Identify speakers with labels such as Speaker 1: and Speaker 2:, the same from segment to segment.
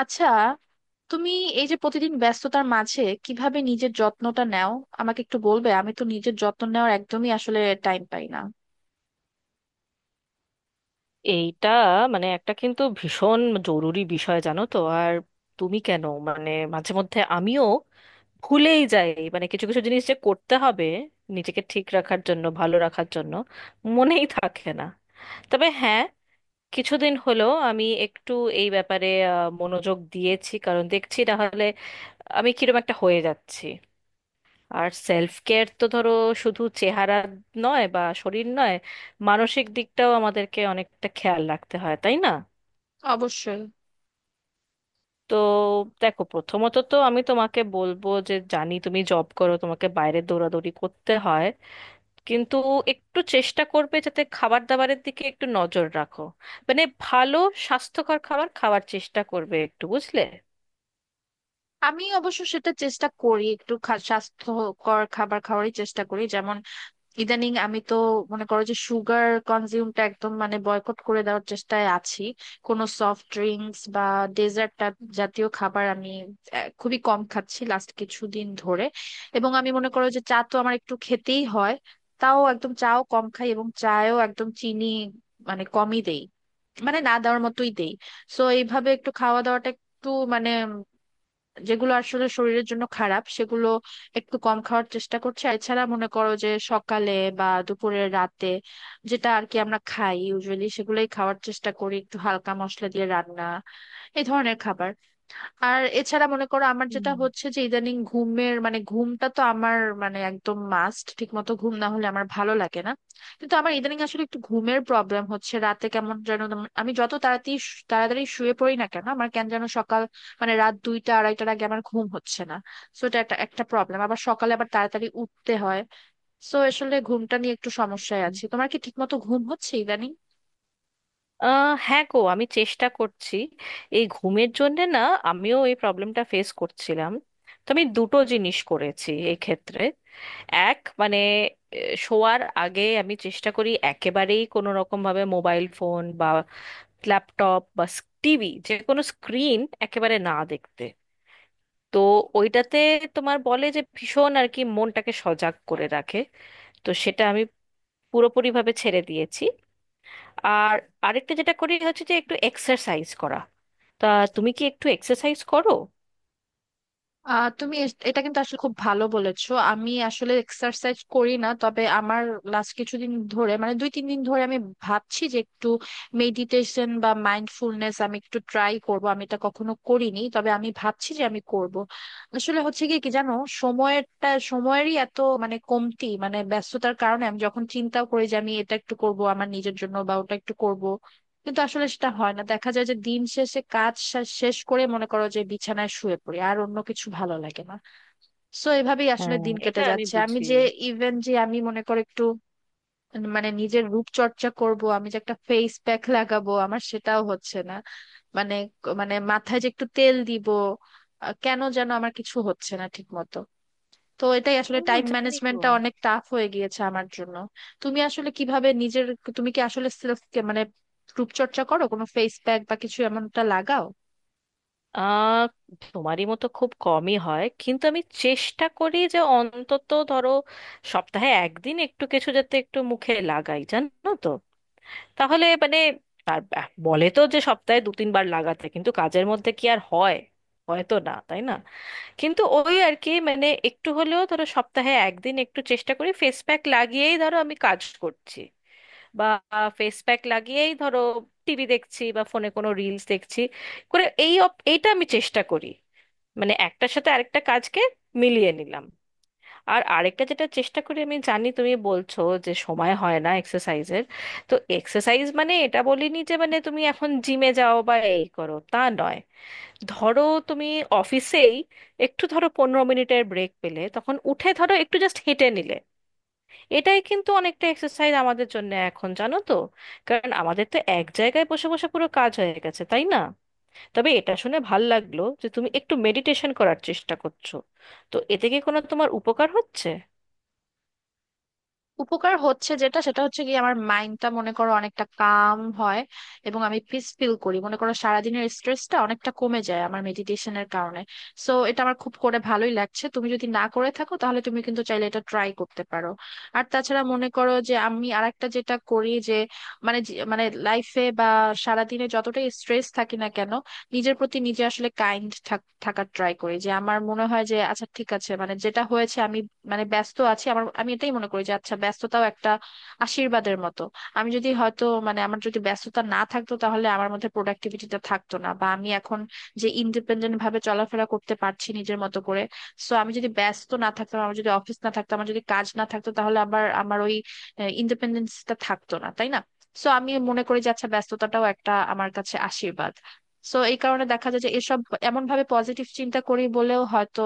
Speaker 1: আচ্ছা, তুমি এই যে প্রতিদিন ব্যস্ততার মাঝে কিভাবে নিজের যত্নটা নাও আমাকে একটু বলবে? আমি তো নিজের যত্ন নেওয়ার একদমই আসলে টাইম পাই না।
Speaker 2: এইটা মানে একটা কিন্তু ভীষণ জরুরি বিষয়, জানো তো? আর তুমি কেন, মানে মাঝে মধ্যে আমিও ভুলেই যাই মানে কিছু কিছু জিনিস যে করতে হবে নিজেকে ঠিক রাখার জন্য, ভালো রাখার জন্য, মনেই থাকে না। তবে হ্যাঁ, কিছুদিন হলো আমি একটু এই ব্যাপারে মনোযোগ দিয়েছি, কারণ দেখছি না হলে আমি কিরকম একটা হয়ে যাচ্ছি। আর সেলফ কেয়ার তো ধরো শুধু চেহারা নয় বা শরীর নয়, মানসিক দিকটাও আমাদেরকে অনেকটা খেয়াল রাখতে হয়, তাই না?
Speaker 1: অবশ্যই।
Speaker 2: তো দেখো, প্রথমত তো আমি তোমাকে বলবো যে, জানি তুমি জব করো, তোমাকে বাইরে দৌড়াদৌড়ি করতে হয়, কিন্তু একটু চেষ্টা করবে যাতে খাবার দাবারের দিকে একটু নজর রাখো। মানে ভালো স্বাস্থ্যকর খাবার খাওয়ার চেষ্টা করবে একটু, বুঝলে।
Speaker 1: আমি অবশ্য সেটা চেষ্টা করি, একটু স্বাস্থ্যকর খাবার খাওয়ারই চেষ্টা করি। যেমন ইদানিং আমি তো মনে করো যে সুগার কনজিউমটা একদম মানে বয়কট করে দেওয়ার চেষ্টায় আছি। কোনো সফট ড্রিঙ্কস বা ডেজার্ট জাতীয় খাবার আমি খুবই কম খাচ্ছি লাস্ট কিছুদিন ধরে। এবং আমি মনে করো যে চা তো আমার একটু খেতেই হয়। তাও একদম চাও কম খাই এবং চায়ও একদম চিনি মানে কমই দেই, মানে না দেওয়ার মতোই দেই। সো এইভাবে একটু খাওয়া দাওয়াটা একটু মানে যেগুলো আসলে শরীরের জন্য খারাপ সেগুলো একটু কম খাওয়ার চেষ্টা করছি। আর এছাড়া মনে করো যে সকালে বা দুপুরে রাতে যেটা আর কি আমরা খাই ইউজুয়ালি সেগুলোই খাওয়ার চেষ্টা করি, একটু হালকা মশলা দিয়ে রান্না এই ধরনের খাবার। আর এছাড়া মনে করো আমার যেটা হচ্ছে যে ইদানিং ঘুমের মানে ঘুমটা তো আমার মানে একদম মাস্ট, ঠিক মতো ঘুম না হলে আমার ভালো লাগে না। কিন্তু আমার ইদানিং আসলে একটু ঘুমের প্রবলেম হচ্ছে, রাতে কেমন যেন আমি যত তাড়াতাড়ি তাড়াতাড়ি শুয়ে পড়ি না কেন আমার কেন যেন সকাল মানে রাত দুইটা আড়াইটার আগে আমার ঘুম হচ্ছে না। সো এটা একটা একটা প্রবলেম, আবার সকালে আবার তাড়াতাড়ি উঠতে হয়। সো আসলে ঘুমটা নিয়ে একটু সমস্যায়
Speaker 2: হুম।
Speaker 1: আছি। তোমার কি ঠিক মতো ঘুম হচ্ছে ইদানিং?
Speaker 2: হ্যাঁ গো, আমি চেষ্টা করছি। এই ঘুমের জন্যে না, আমিও এই প্রবলেমটা ফেস করছিলাম। তো আমি দুটো জিনিস করেছি এই ক্ষেত্রে। এক, মানে শোয়ার আগে আমি চেষ্টা করি একেবারেই কোনো রকম ভাবে মোবাইল ফোন বা ল্যাপটপ বা টিভি, যে কোনো স্ক্রিন একেবারে না দেখতে। তো ওইটাতে তোমার বলে যে ভীষণ আর কি মনটাকে সজাগ করে রাখে। তো সেটা আমি পুরোপুরিভাবে ছেড়ে দিয়েছি। আর আরেকটা যেটা করি হচ্ছে যে একটু এক্সারসাইজ করা। তা তুমি কি একটু এক্সারসাইজ করো?
Speaker 1: তুমি এটা কিন্তু আসলে খুব ভালো বলেছো। আমি আসলে এক্সারসাইজ করি না, তবে আমার লাস্ট কিছুদিন ধরে মানে দুই তিন দিন ধরে আমি ভাবছি যে একটু মেডিটেশন বা মাইন্ডফুলনেস আমি একটু ট্রাই করব। আমি এটা কখনো করিনি, তবে আমি ভাবছি যে আমি করব। আসলে হচ্ছে কি কি জানো, সময়েরটা সময়েরই এত মানে কমতি, মানে ব্যস্ততার কারণে আমি যখন চিন্তা করি যে আমি এটা একটু করব আমার নিজের জন্য বা ওটা একটু করব কিন্তু আসলে সেটা হয় না। দেখা যায় যে দিন শেষে কাজ শেষ করে মনে করো যে বিছানায় শুয়ে পড়ি আর অন্য কিছু ভালো লাগে না। সো এভাবেই আসলে
Speaker 2: হ্যাঁ,
Speaker 1: দিন কেটে
Speaker 2: এটা আমি
Speaker 1: যাচ্ছে। আমি
Speaker 2: বুঝি।
Speaker 1: যে ইভেন যে আমি মনে করো একটু মানে নিজের রূপচর্চা করব, আমি যে একটা ফেস প্যাক লাগাবো আমার সেটাও হচ্ছে না। মানে মানে মাথায় যে একটু তেল দিব, কেন যেন আমার কিছু হচ্ছে না ঠিক মতো। তো এটাই আসলে,
Speaker 2: হুম,
Speaker 1: টাইম
Speaker 2: জানি গো।
Speaker 1: ম্যানেজমেন্টটা অনেক টাফ হয়ে গিয়েছে আমার জন্য। তুমি আসলে কিভাবে নিজের, তুমি কি আসলে সেলফ মানে রূপচর্চা করো? কোনো ফেস প্যাক বা কিছু এমনটা লাগাও?
Speaker 2: আহ তোমারই মতো খুব কমই হয়, কিন্তু আমি চেষ্টা করি যে অন্তত ধরো সপ্তাহে একদিন একটু কিছু যাতে একটু মুখে লাগাই, জানো তো। তাহলে মানে তার বলে তো যে সপ্তাহে দু তিনবার লাগাতে, কিন্তু কাজের মধ্যে কি আর হয়? হয়তো না, তাই না? কিন্তু ওই আর কি, মানে একটু হলেও ধরো সপ্তাহে একদিন একটু চেষ্টা করি। ফেস প্যাক লাগিয়েই ধরো আমি কাজ করছি, বা ফেস প্যাক লাগিয়েই ধরো টিভি দেখছি বা ফোনে কোনো রিলস দেখছি করে। এই এইটা আমি চেষ্টা করি, মানে একটার সাথে আরেকটা কাজকে মিলিয়ে নিলাম। আর আরেকটা যেটা চেষ্টা করি, আমি জানি তুমি বলছো যে সময় হয় না এক্সারসাইজের, তো এক্সারসাইজ মানে এটা বলিনি যে মানে তুমি এখন জিমে যাও বা এই করো, তা নয়। ধরো তুমি অফিসেই একটু ধরো 15 মিনিটের ব্রেক পেলে, তখন উঠে ধরো একটু জাস্ট হেঁটে নিলে এটাই কিন্তু অনেকটা এক্সারসাইজ আমাদের জন্য এখন, জানো তো। কারণ আমাদের তো এক জায়গায় বসে বসে পুরো কাজ হয়ে গেছে, তাই না? তবে এটা শুনে ভাল লাগলো যে তুমি একটু মেডিটেশন করার চেষ্টা করছো। তো এতে কি কোনো তোমার উপকার হচ্ছে?
Speaker 1: উপকার হচ্ছে, যেটা সেটা হচ্ছে কি, আমার মাইন্ডটা মনে করো অনেকটা কাম হয় এবং আমি পিস ফিল করি। মনে করো সারাদিনের স্ট্রেসটা অনেকটা কমে যায় আমার মেডিটেশনের কারণে। সো এটা আমার খুব করে ভালোই লাগছে। তুমি যদি না করে থাকো তাহলে তুমি কিন্তু চাইলে এটা ট্রাই করতে পারো। আর তাছাড়া মনে করো যে আমি আরেকটা যেটা করি যে মানে মানে লাইফে বা সারাদিনে যতটাই স্ট্রেস থাকি না কেন নিজের প্রতি নিজে আসলে কাইন্ড থাকার ট্রাই করি। যে আমার মনে হয় যে আচ্ছা ঠিক আছে, মানে যেটা হয়েছে আমি মানে ব্যস্ত আছি, আমার আমি এটাই মনে করি যে আচ্ছা ব্যস্ততাও একটা আশীর্বাদের মতো। আমি যদি হয়তো মানে আমার যদি ব্যস্ততা না থাকতো তাহলে আমার মধ্যে প্রোডাক্টিভিটিটা থাকতো না, বা আমি এখন যে ইন্ডিপেন্ডেন্ট ভাবে চলাফেরা করতে পারছি নিজের মতো করে, সো আমি যদি ব্যস্ত না থাকতাম, আমার যদি অফিস না থাকতো, আমার যদি কাজ না থাকতো তাহলে আবার আমার ওই ইন্ডিপেন্ডেন্সটা থাকতো না, তাই না? সো আমি মনে করি যে আচ্ছা ব্যস্ততাটাও একটা আমার কাছে আশীর্বাদ। সো এই কারণে দেখা যায় যে এসব এমন ভাবে পজিটিভ চিন্তা করি বলেও হয়তো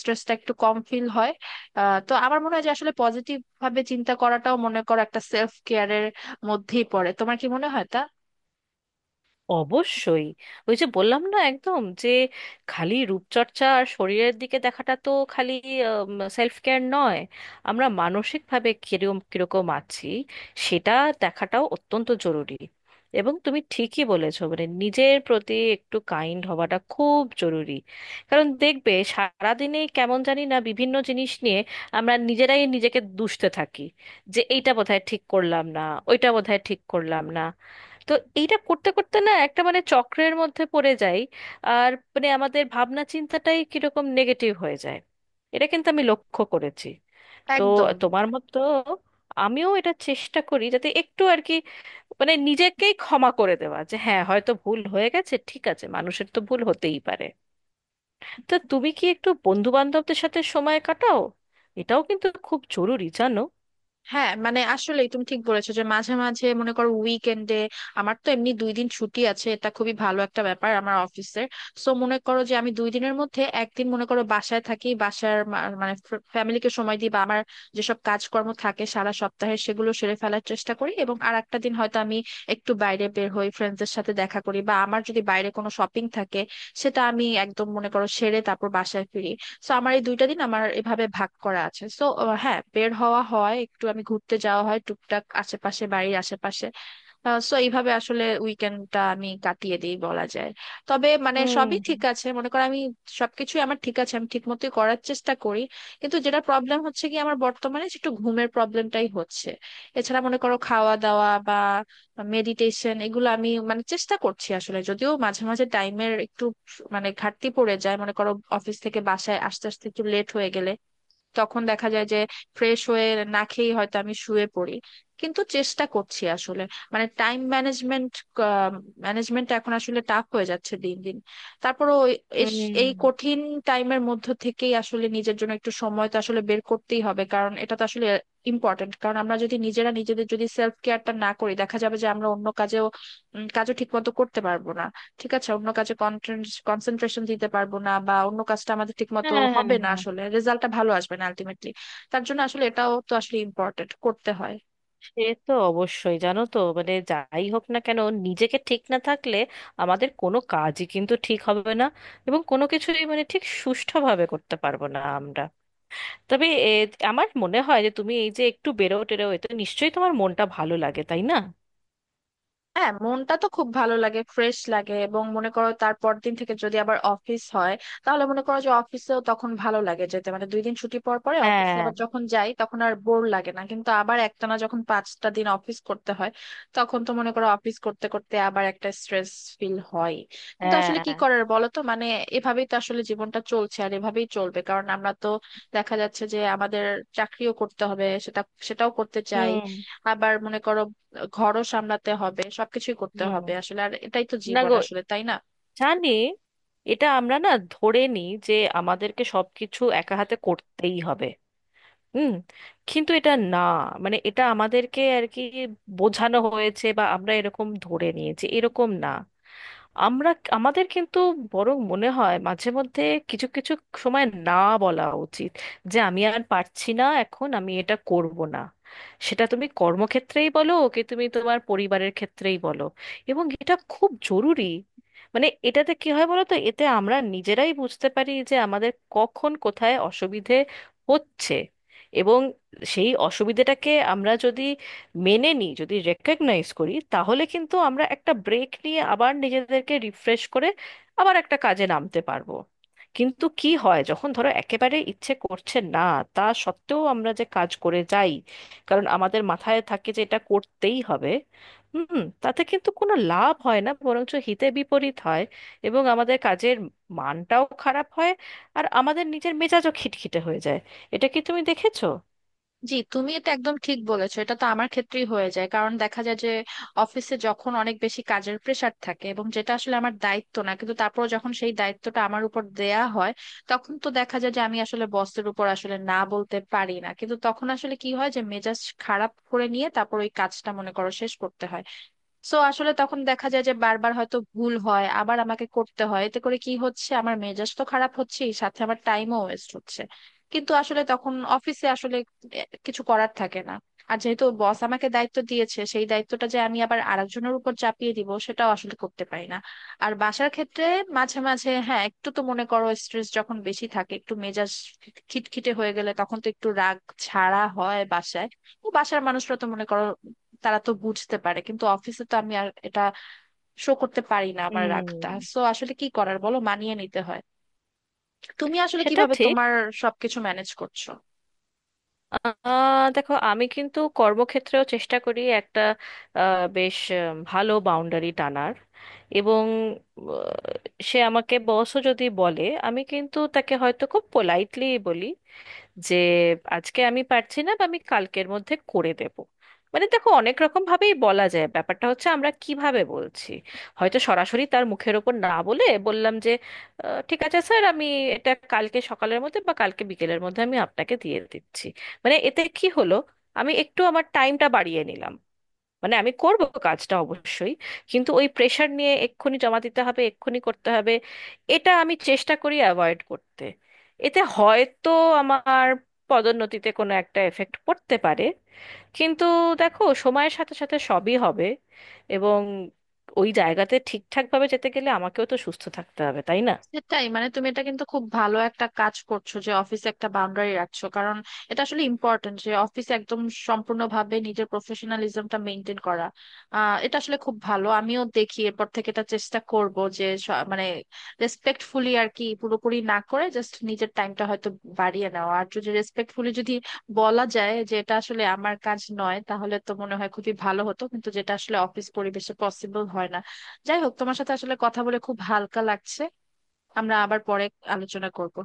Speaker 1: স্ট্রেসটা একটু কম ফিল হয়। তো আমার মনে হয় যে আসলে পজিটিভ ভাবে চিন্তা করাটাও মনে করো একটা সেলফ কেয়ারের মধ্যেই পড়ে। তোমার কি মনে হয় তা?
Speaker 2: অবশ্যই। ওই যে বললাম না, একদম যে খালি রূপচর্চা আর শরীরের দিকে দেখাটা তো খালি সেলফ কেয়ার নয়। আমরা মানসিকভাবে কিরকম কিরকম আছি সেটা দেখাটাও অত্যন্ত জরুরি। এবং তুমি ঠিকই বলেছো, মানে নিজের প্রতি একটু কাইন্ড হওয়াটা খুব জরুরি। কারণ দেখবে সারাদিনে কেমন জানি না বিভিন্ন জিনিস নিয়ে আমরা নিজেরাই নিজেকে দুষতে থাকি, যে এইটা বোধহয় ঠিক করলাম না, ওইটা বোধহয় ঠিক করলাম না। তো এইটা করতে করতে না একটা মানে চক্রের মধ্যে পড়ে যাই, আর মানে আমাদের ভাবনা চিন্তাটাই কিরকম নেগেটিভ হয়ে যায়। এটা কিন্তু আমি লক্ষ্য করেছি। তো
Speaker 1: একদম।
Speaker 2: তোমার মতো আমিও এটা চেষ্টা করি যাতে একটু আর কি, মানে নিজেকেই ক্ষমা করে দেওয়া, যে হ্যাঁ হয়তো ভুল হয়ে গেছে, ঠিক আছে, মানুষের তো ভুল হতেই পারে। তো তুমি কি একটু বন্ধু বান্ধবদের সাথে সময় কাটাও? এটাও কিন্তু খুব জরুরি, জানো।
Speaker 1: হ্যাঁ মানে আসলে তুমি ঠিক বলেছো যে মাঝে মাঝে মনে করো উইকেন্ডে, আমার তো এমনি দুই দিন ছুটি আছে, এটা খুবই ভালো একটা ব্যাপার আমার অফিসের। সো মনে করো যে আমি দুই দিনের মধ্যে একদিন মনে করো বাসায় থাকি, বাসার মানে ফ্যামিলিকে সময় দিই বা আমার যেসব কাজকর্ম থাকে সারা সপ্তাহে সেগুলো সেরে ফেলার চেষ্টা করি, এবং আর একটা দিন হয়তো আমি একটু বাইরে বের হই, ফ্রেন্ডসদের সাথে দেখা করি বা আমার যদি বাইরে কোনো শপিং থাকে সেটা আমি একদম মনে করো সেরে তারপর বাসায় ফিরি। সো আমার এই দুইটা দিন আমার এভাবে ভাগ করা আছে। সো হ্যাঁ, বের হওয়া হয় একটু, আমি ঘুরতে যাওয়া হয় টুকটাক আশেপাশে বাড়ির আশেপাশে। সো এইভাবে আসলে উইকেন্ডটা আমি কাটিয়ে দিই বলা যায়। তবে মানে
Speaker 2: হুম।
Speaker 1: সবই ঠিক আছে, মনে করো আমি সবকিছুই আমার ঠিক আছে, আমি ঠিক মতোই করার চেষ্টা করি। কিন্তু যেটা প্রবলেম হচ্ছে কি, আমার বর্তমানে যে একটু ঘুমের প্রবলেমটাই হচ্ছে। এছাড়া মনে করো খাওয়া দাওয়া বা মেডিটেশন এগুলো আমি মানে চেষ্টা করছি আসলে, যদিও মাঝে মাঝে টাইমের একটু মানে ঘাটতি পড়ে যায়, মনে করো অফিস থেকে বাসায় আস্তে আস্তে একটু লেট হয়ে গেলে। তখন দেখা যায় যে ফ্রেশ হয়ে না খেয়েই হয়তো আমি শুয়ে পড়ি। কিন্তু চেষ্টা করছি আসলে, মানে টাইম ম্যানেজমেন্ট ম্যানেজমেন্ট এখন আসলে টাফ হয়ে যাচ্ছে দিন দিন। তারপরও
Speaker 2: হুম।
Speaker 1: এই কঠিন টাইমের মধ্য থেকেই আসলে নিজের জন্য একটু সময় তো আসলে বের করতেই হবে, কারণ এটা তো আসলে ইম্পর্টেন্ট। কারণ আমরা যদি নিজেরা নিজেদের যদি সেলফ কেয়ারটা না করি দেখা যাবে যে আমরা অন্য কাজেও, কাজও ঠিক মতো করতে পারবো না। ঠিক আছে, অন্য কাজে কনসেন্ট্রেশন দিতে পারবো না বা অন্য কাজটা আমাদের ঠিক মতো
Speaker 2: হ্যাঁ,
Speaker 1: হবে
Speaker 2: হ্যাঁ,
Speaker 1: না,
Speaker 2: হ্যাঁ।
Speaker 1: আসলে রেজাল্টটা ভালো আসবে না আলটিমেটলি। তার জন্য আসলে এটাও তো আসলে ইম্পর্টেন্ট করতে হয়।
Speaker 2: সে তো অবশ্যই, জানো তো মানে যাই হোক না কেন, নিজেকে ঠিক না থাকলে আমাদের কোনো কাজই কিন্তু ঠিক হবে না, এবং কোনো কিছুই মানে ঠিক সুষ্ঠুভাবে করতে পারবো না আমরা। তবে আমার মনে হয় যে তুমি এই যে একটু বেরো টেরো, এতে নিশ্চয়ই তোমার মনটা ভালো লাগে, তাই না?
Speaker 1: হ্যাঁ মনটা তো খুব ভালো লাগে, ফ্রেশ লাগে, এবং মনে করো তারপর দিন থেকে যদি আবার অফিস হয় তাহলে মনে করো যে অফিসেও তখন ভালো লাগে যেতে। মানে দুই দিন ছুটি পর পরে অফিসে
Speaker 2: হ্যাঁ।
Speaker 1: আবার যখন যাই তখন আর বোর লাগে না, কিন্তু আবার একটানা যখন পাঁচটা দিন অফিস করতে হয় তখন তো মনে করো অফিস করতে করতে আবার একটা স্ট্রেস ফিল হয়। কিন্তু আসলে
Speaker 2: হ্যাঁ।
Speaker 1: কি করার বলো তো, মানে এভাবেই তো আসলে জীবনটা চলছে আর এভাবেই চলবে। কারণ আমরা তো দেখা যাচ্ছে যে আমাদের চাকরিও করতে হবে, সেটাও করতে চাই।
Speaker 2: হুম।
Speaker 1: আবার মনে করো ঘরও সামলাতে হবে, সবকিছুই করতে
Speaker 2: হুম।
Speaker 1: হবে আসলে, আর এটাই তো
Speaker 2: না
Speaker 1: জীবন
Speaker 2: গো,
Speaker 1: আসলে, তাই না?
Speaker 2: জানি। এটা আমরা না ধরে নিই যে আমাদেরকে সবকিছু একা হাতে করতেই হবে। হুম। কিন্তু এটা না, মানে এটা আমাদেরকে আর কি বোঝানো হয়েছে বা আমরা এরকম ধরে নিয়েছি, এরকম না। আমরা আমাদের কিন্তু বরং মনে হয় মাঝে মধ্যে কিছু কিছু সময় না বলা উচিত, যে আমি আর পারছি না, এখন আমি এটা করব না। সেটা তুমি কর্মক্ষেত্রেই বলো কি তুমি তোমার পরিবারের ক্ষেত্রেই বলো, এবং এটা খুব জরুরি। মানে এটাতে কি হয় বলো তো? এতে আমরা নিজেরাই বুঝতে পারি যে আমাদের কখন কোথায় অসুবিধে হচ্ছে। এবং সেই অসুবিধেটাকে আমরা যদি মেনে নিই, যদি রেকগনাইজ করি, তাহলে কিন্তু আমরা একটা ব্রেক নিয়ে আবার নিজেদেরকে রিফ্রেশ করে আবার একটা কাজে নামতে পারবো। কিন্তু কি হয়, যখন ধরো একেবারে ইচ্ছে করছে না, তা সত্ত্বেও আমরা যে কাজ করে যাই, কারণ আমাদের মাথায় থাকে যে এটা করতেই হবে। হুম, তাতে কিন্তু কোনো লাভ হয় না, বরঞ্চ হিতে বিপরীত হয়। এবং আমাদের কাজের মানটাও খারাপ হয়, আর আমাদের নিজের মেজাজও খিটখিটে হয়ে যায়। এটা কি তুমি দেখেছো?
Speaker 1: জি, তুমি এটা একদম ঠিক বলেছো। এটা তো আমার ক্ষেত্রেই হয়ে যায়, কারণ দেখা যায় যে অফিসে যখন অনেক বেশি কাজের প্রেসার থাকে এবং যেটা আসলে আমার দায়িত্ব না, কিন্তু তারপর যখন সেই দায়িত্বটা আমার উপর দেয়া হয় তখন তো দেখা যায় যে আমি আসলে বসের উপর আসলে না বলতে পারি না, কিন্তু তখন আসলে কি হয়, যে মেজাজ খারাপ করে নিয়ে তারপর ওই কাজটা মনে করো শেষ করতে হয়। সো আসলে তখন দেখা যায় যে বারবার হয়তো ভুল হয়, আবার আমাকে করতে হয়, এতে করে কি হচ্ছে আমার মেজাজ তো খারাপ হচ্ছে, সাথে আমার টাইমও ওয়েস্ট হচ্ছে। কিন্তু আসলে তখন অফিসে আসলে কিছু করার থাকে না। আর যেহেতু বস আমাকে দায়িত্ব দিয়েছে সেই দায়িত্বটা যে আমি আবার আরেকজনের উপর চাপিয়ে দিব সেটাও আসলে করতে পারি না। আর বাসার ক্ষেত্রে মাঝে মাঝে হ্যাঁ একটু তো মনে করো স্ট্রেস যখন বেশি থাকে, একটু মেজাজ খিটখিটে হয়ে গেলে তখন তো একটু রাগ ছাড়া হয় বাসায়। তো বাসার মানুষরা তো মনে করো, তারা তো বুঝতে পারে, কিন্তু অফিসে তো আমি আর এটা শো করতে পারি না আমার রাগটা।
Speaker 2: হুম,
Speaker 1: সো আসলে কি করার বলো, মানিয়ে নিতে হয়। তুমি আসলে
Speaker 2: সেটা
Speaker 1: কিভাবে
Speaker 2: ঠিক।
Speaker 1: তোমার সবকিছু ম্যানেজ করছো?
Speaker 2: আহ দেখো, আমি কিন্তু কর্মক্ষেত্রেও চেষ্টা করি একটা বেশ ভালো বাউন্ডারি টানার। এবং সে আমাকে বসও যদি বলে, আমি কিন্তু তাকে হয়তো খুব পোলাইটলি বলি যে আজকে আমি পারছি না, বা আমি কালকের মধ্যে করে দেব। মানে দেখো অনেক রকম ভাবেই বলা যায়, ব্যাপারটা হচ্ছে আমরা কিভাবে বলছি। হয়তো সরাসরি তার মুখের ওপর না বলে বললাম যে ঠিক আছে স্যার, আমি এটা কালকে সকালের মধ্যে বা কালকে বিকেলের মধ্যে আমি আপনাকে দিয়ে দিচ্ছি। মানে এতে কি হলো, আমি একটু আমার টাইমটা বাড়িয়ে নিলাম। মানে আমি করব কাজটা অবশ্যই, কিন্তু ওই প্রেশার নিয়ে এক্ষুনি জমা দিতে হবে, এক্ষুনি করতে হবে, এটা আমি চেষ্টা করি অ্যাভয়েড করতে। এতে হয়তো আমার পদোন্নতিতে কোনো একটা এফেক্ট পড়তে পারে, কিন্তু দেখো সময়ের সাথে সাথে সবই হবে। এবং ওই জায়গাতে ঠিকঠাকভাবে যেতে গেলে আমাকেও তো সুস্থ থাকতে হবে, তাই না?
Speaker 1: সেটাই, মানে তুমি এটা কিন্তু খুব ভালো একটা কাজ করছো যে অফিসে একটা বাউন্ডারি রাখছো, কারণ এটা আসলে ইম্পর্টেন্ট যে অফিসে একদম সম্পূর্ণভাবে নিজের প্রফেশনালিজমটা মেনটেন করা। এটা আসলে খুব ভালো। আমিও দেখি এরপর থেকে এটা চেষ্টা করব যে মানে রেসপেক্টফুলি আর কি পুরোপুরি না করে জাস্ট নিজের টাইমটা হয়তো বাড়িয়ে নেওয়া। আর যদি রেসপেক্টফুলি যদি বলা যায় যে এটা আসলে আমার কাজ নয় তাহলে তো মনে হয় খুবই ভালো হতো, কিন্তু যেটা আসলে অফিস পরিবেশে পসিবল হয় না। যাই হোক, তোমার সাথে আসলে কথা বলে খুব হালকা লাগছে। আমরা আবার পরে আলোচনা করব।